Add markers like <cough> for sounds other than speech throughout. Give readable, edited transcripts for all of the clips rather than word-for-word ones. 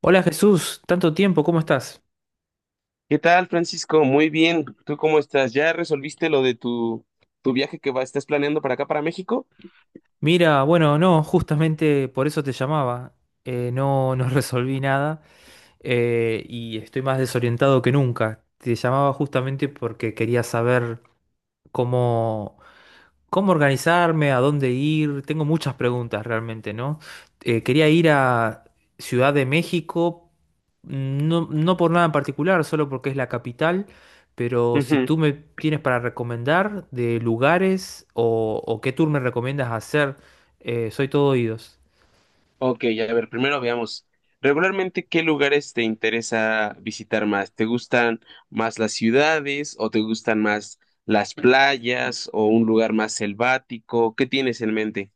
Hola Jesús, tanto tiempo, ¿cómo estás? ¿Qué tal, Francisco? Muy bien. ¿Tú cómo estás? ¿Ya resolviste lo de tu viaje que va, estás planeando para acá, para México? Mira, bueno, no, justamente por eso te llamaba. No, no <laughs> resolví nada. Y estoy más desorientado que nunca. Te llamaba justamente porque quería saber cómo, ¿Cómo organizarme? ¿A dónde ir? Tengo muchas preguntas realmente, ¿no? Quería ir a Ciudad de México, no, no por nada en particular, solo porque es la capital, pero si Ujú. tú me tienes para recomendar de lugares o qué tour me recomiendas hacer, soy todo oídos. Ok, a ver, primero veamos. Regularmente, ¿qué lugares te interesa visitar más? ¿Te gustan más las ciudades o te gustan más las playas o un lugar más selvático? ¿Qué tienes en mente?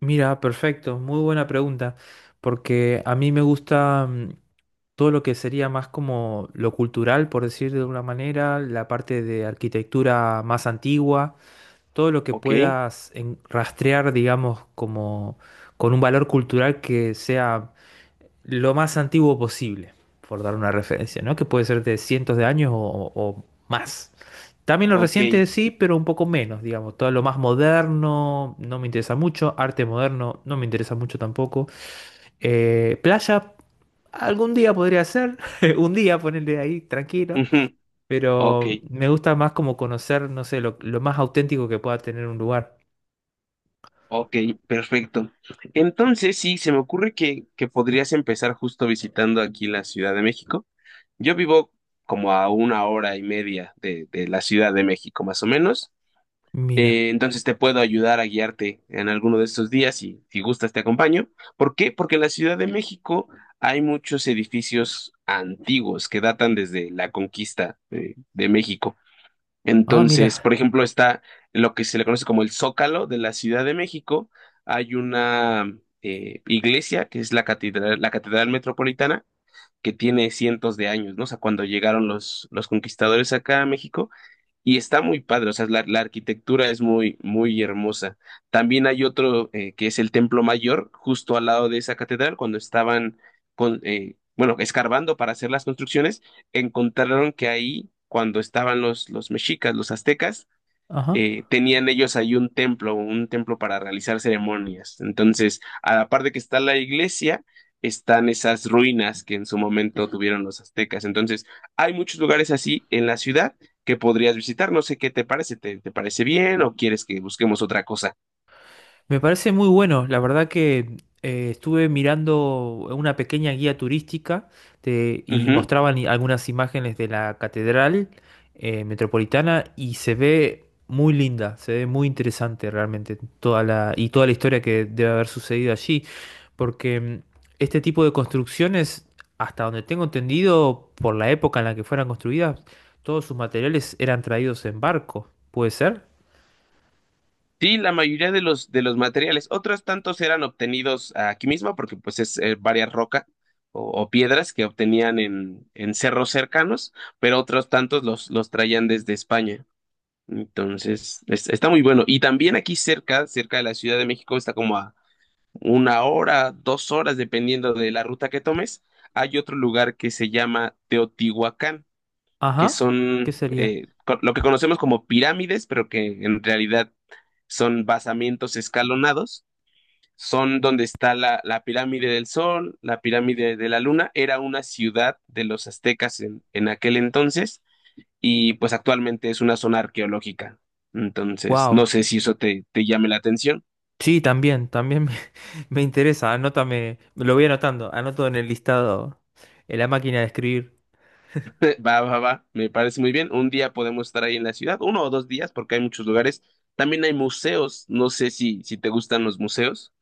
Mira, perfecto, muy buena pregunta, porque a mí me gusta todo lo que sería más como lo cultural, por decir de una manera, la parte de arquitectura más antigua, todo lo que Ok, puedas rastrear, digamos, como con un valor cultural que sea lo más antiguo posible, por dar una referencia, ¿no? Que puede ser de cientos de años o más. También lo ok, reciente <laughs> sí, pero un poco menos, digamos. Todo lo más moderno no me interesa mucho, arte moderno no me interesa mucho tampoco. Playa, algún día podría ser, <laughs> un día ponerle ahí tranquilo, ujú, ok, pero me gusta más como conocer, no sé, lo más auténtico que pueda tener un lugar. ok, perfecto. Entonces, sí, se me ocurre que podrías empezar justo visitando aquí la Ciudad de México. Yo vivo como a 1 hora y media de la Ciudad de México, más o menos. Mira, Entonces te puedo ayudar a guiarte en alguno de estos días y si gustas te acompaño. ¿Por qué? Porque en la Ciudad de México hay muchos edificios antiguos que datan desde la conquista de México. ah, Entonces, mira, por ejemplo, está lo que se le conoce como el Zócalo de la Ciudad de México. Hay una iglesia que es la Catedral Metropolitana que tiene cientos de años, ¿no? O sea, cuando llegaron los conquistadores acá a México, y está muy padre, o sea, la arquitectura es muy, muy hermosa. También hay otro que es el Templo Mayor, justo al lado de esa catedral, cuando estaban con, bueno, escarbando para hacer las construcciones, encontraron que ahí, cuando estaban los mexicas, los aztecas, ajá. Tenían ellos ahí un templo para realizar ceremonias. Entonces, a la par de que está la iglesia, están esas ruinas que en su momento tuvieron los aztecas. Entonces, hay muchos lugares así en la ciudad que podrías visitar. No sé qué te parece, ¿te, te parece bien o quieres que busquemos otra cosa? Me parece muy bueno. La verdad que estuve mirando una pequeña guía turística y mostraban algunas imágenes de la catedral metropolitana y se ve muy linda, se ve muy interesante realmente toda la y toda la historia que debe haber sucedido allí, porque este tipo de construcciones, hasta donde tengo entendido, por la época en la que fueron construidas, todos sus materiales eran traídos en barco. ¿Puede ser? Sí, la mayoría de los materiales, otros tantos eran obtenidos aquí mismo, porque pues es varias rocas o piedras que obtenían en cerros cercanos, pero otros tantos los traían desde España. Entonces, está muy bueno. Y también aquí cerca, cerca de la Ciudad de México, está como a una hora, dos horas, dependiendo de la ruta que tomes, hay otro lugar que se llama Teotihuacán, que Ajá, ¿qué son sería? Lo que conocemos como pirámides, pero que en realidad son basamientos escalonados, son donde está la pirámide del Sol, la pirámide de la Luna, era una ciudad de los aztecas en aquel entonces y pues actualmente es una zona arqueológica. Entonces, no Wow. sé si eso te, te llame la atención. Sí, también, también <laughs> me interesa. Anótame, lo voy anotando, anoto en el listado, en la máquina de escribir. <laughs> Va, va, va, me parece muy bien. Un día podemos estar ahí en la ciudad, uno o dos días, porque hay muchos lugares. También hay museos, no sé si, si te gustan los museos.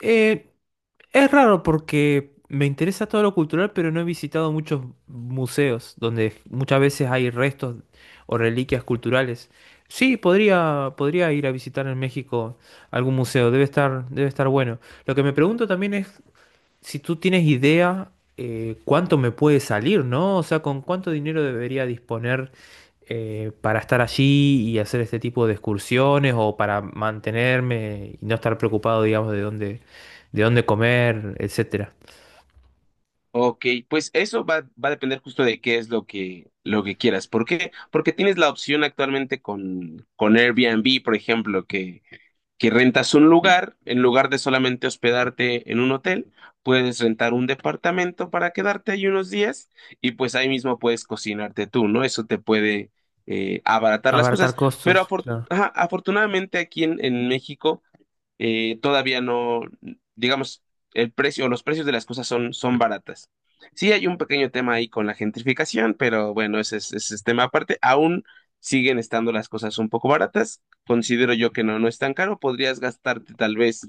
Eh, es raro porque me interesa todo lo cultural, pero no he visitado muchos museos donde muchas veces hay restos o reliquias culturales. Sí, podría, podría ir a visitar en México algún museo, debe estar bueno. Lo que me pregunto también es si tú tienes idea, cuánto me puede salir, ¿no? O sea, con cuánto dinero debería disponer para estar allí y hacer este tipo de excursiones o para mantenerme y no estar preocupado, digamos, de dónde comer, etcétera. Ok, pues eso va, va a depender justo de qué es lo que quieras. ¿Por qué? Porque tienes la opción actualmente con Airbnb, por ejemplo, que rentas un lugar, en lugar de solamente hospedarte en un hotel, puedes rentar un departamento para quedarte ahí unos días y pues ahí mismo puedes cocinarte tú, ¿no? Eso te puede abaratar las Abartar cosas. Pero costos, claro. ajá, afortunadamente aquí en México todavía no, digamos, el precio, los precios de las cosas son, son baratas. Sí hay un pequeño tema ahí con la gentrificación, pero bueno, ese es tema aparte. Aún siguen estando las cosas un poco baratas. Considero yo que no, no es tan caro. Podrías gastarte tal vez,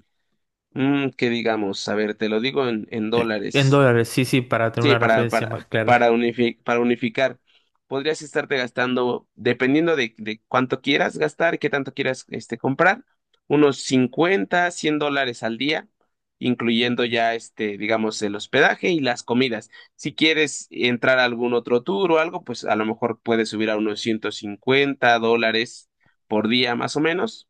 que digamos, a ver, te lo digo en En dólares. dólares, sí, sí, para tener Sí, una referencia más clara. para, para unificar. Podrías estarte gastando, dependiendo de cuánto quieras gastar, qué tanto quieras este, comprar, unos 50 100 dólares al día, incluyendo ya, este, digamos, el hospedaje y las comidas. Si quieres entrar a algún otro tour o algo, pues a lo mejor puedes subir a unos $150 por día, más o menos.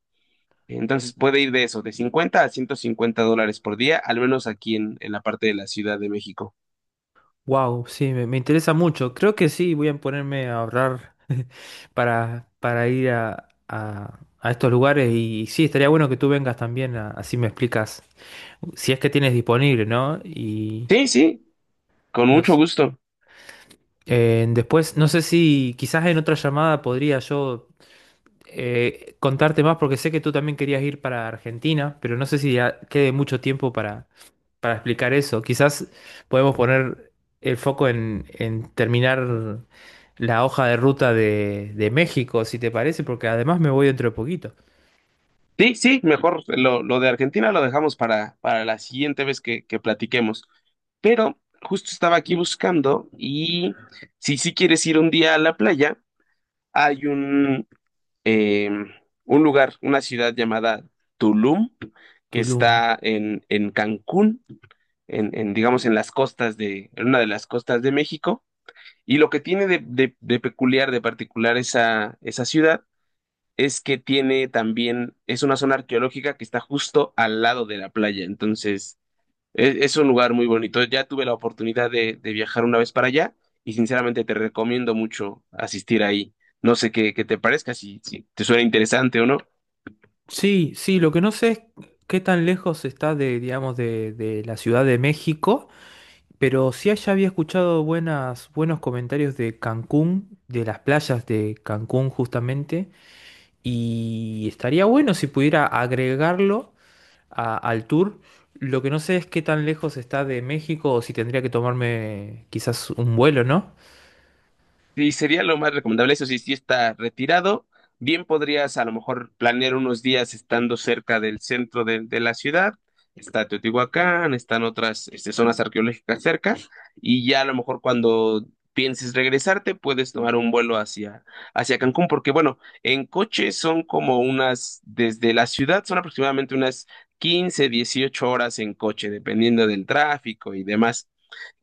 Entonces puede ir de eso, de 50 a $150 por día, al menos aquí en la parte de la Ciudad de México. Wow, sí, me interesa mucho. Creo que sí, voy a ponerme a ahorrar <laughs> para ir a estos lugares y, sí, estaría bueno que tú vengas también, así me explicas, si es que tienes disponible, ¿no? Y Sí, sí, con no mucho sé. gusto. Después, no sé si quizás en otra llamada podría yo contarte más, porque sé que tú también querías ir para Argentina, pero no sé si ya quede mucho tiempo para explicar eso. Quizás podemos poner el foco en terminar la hoja de ruta de México, si te parece, porque además me voy dentro de poquito. Sí, sí, mejor lo de Argentina lo dejamos para la siguiente vez que platiquemos. Pero justo estaba aquí buscando y si sí quieres ir un día a la playa, hay eh, un lugar, una ciudad llamada Tulum, que Tulum. está en Cancún, en, digamos en las costas de, en una de las costas de México. Y lo que tiene de, de peculiar, de particular esa, esa ciudad es que tiene también, es una zona arqueológica que está justo al lado de la playa, entonces es un lugar muy bonito. Ya tuve la oportunidad de viajar una vez para allá y sinceramente te recomiendo mucho asistir ahí. No sé qué, qué te parezca, si, si te suena interesante o no. Sí, sí, lo que no sé es qué tan lejos está de, digamos, de la Ciudad de México, pero sí allá había escuchado buenas, buenos comentarios de Cancún, de las playas de Cancún justamente, y estaría bueno si pudiera agregarlo al tour. Lo que no sé es qué tan lejos está de México o si tendría que tomarme quizás un vuelo, ¿no? Sí, sería lo más recomendable. Eso sí, si está retirado, bien podrías a lo mejor planear unos días estando cerca del centro de la ciudad. Está Teotihuacán, están otras este, zonas arqueológicas cerca, y ya a lo mejor cuando pienses regresarte, puedes tomar un vuelo hacia, hacia Cancún, porque bueno, en coche son como unas, desde la ciudad son aproximadamente unas 15 a 18 horas en coche, dependiendo del tráfico y demás.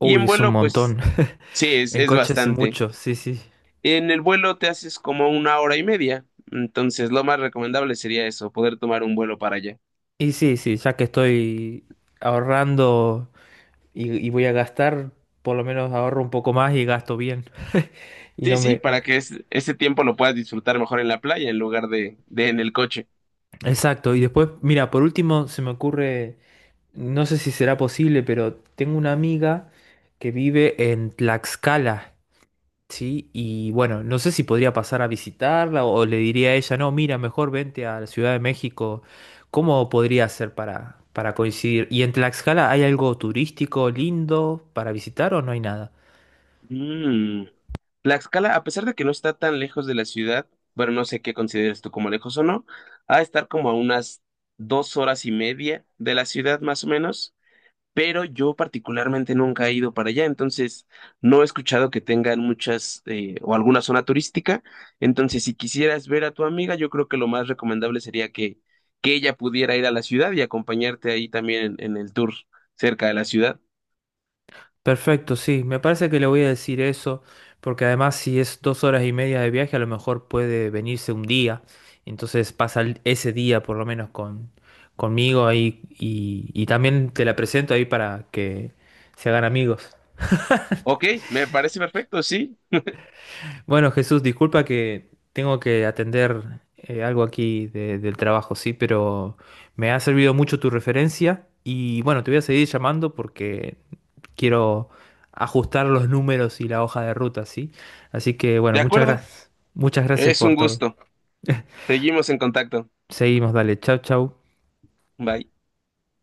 Y en es un vuelo, pues montón. <laughs> sí, En es coche hace bastante. mucho, sí, sí. En el vuelo te haces como 1 hora y media, entonces lo más recomendable sería eso, poder tomar un vuelo para allá. Y sí, sí, ya que estoy ahorrando y voy a gastar, por lo menos ahorro un poco más y gasto bien. Y Sí, no sí, me... para que ese tiempo lo puedas disfrutar mejor en la playa en lugar de en el coche. Exacto. Y después, mira, por último se me ocurre, no sé si será posible, pero tengo una amiga que vive en Tlaxcala. Sí, y bueno, no sé si podría pasar a visitarla o le diría a ella, no, mira, mejor vente a la Ciudad de México. ¿Cómo podría hacer para coincidir? ¿Y en Tlaxcala hay algo turístico lindo para visitar o no hay nada? Mm. Tlaxcala, a pesar de que no está tan lejos de la ciudad, bueno, no sé qué consideres tú como lejos o no, ha de estar como a unas 2 horas y media de la ciudad más o menos. Pero yo particularmente nunca he ido para allá, entonces no he escuchado que tengan muchas o alguna zona turística, entonces si quisieras ver a tu amiga, yo creo que lo más recomendable sería que ella pudiera ir a la ciudad y acompañarte ahí también en el tour cerca de la ciudad. Perfecto, sí, me parece que le voy a decir eso, porque además si es 2 horas y media de viaje, a lo mejor puede venirse un día, entonces pasa ese día por lo menos con, conmigo ahí y también te la presento ahí para que se hagan amigos. Ok, me parece perfecto, sí, Bueno, Jesús, disculpa que tengo que atender algo aquí del trabajo, sí, pero me ha servido mucho tu referencia y bueno, te voy a seguir llamando porque quiero ajustar los números y la hoja de ruta, sí. Así que de bueno, muchas acuerdo, gracias. Muchas gracias es por un todo. gusto. Seguimos en contacto. Seguimos, dale. Chau, chau. Bye.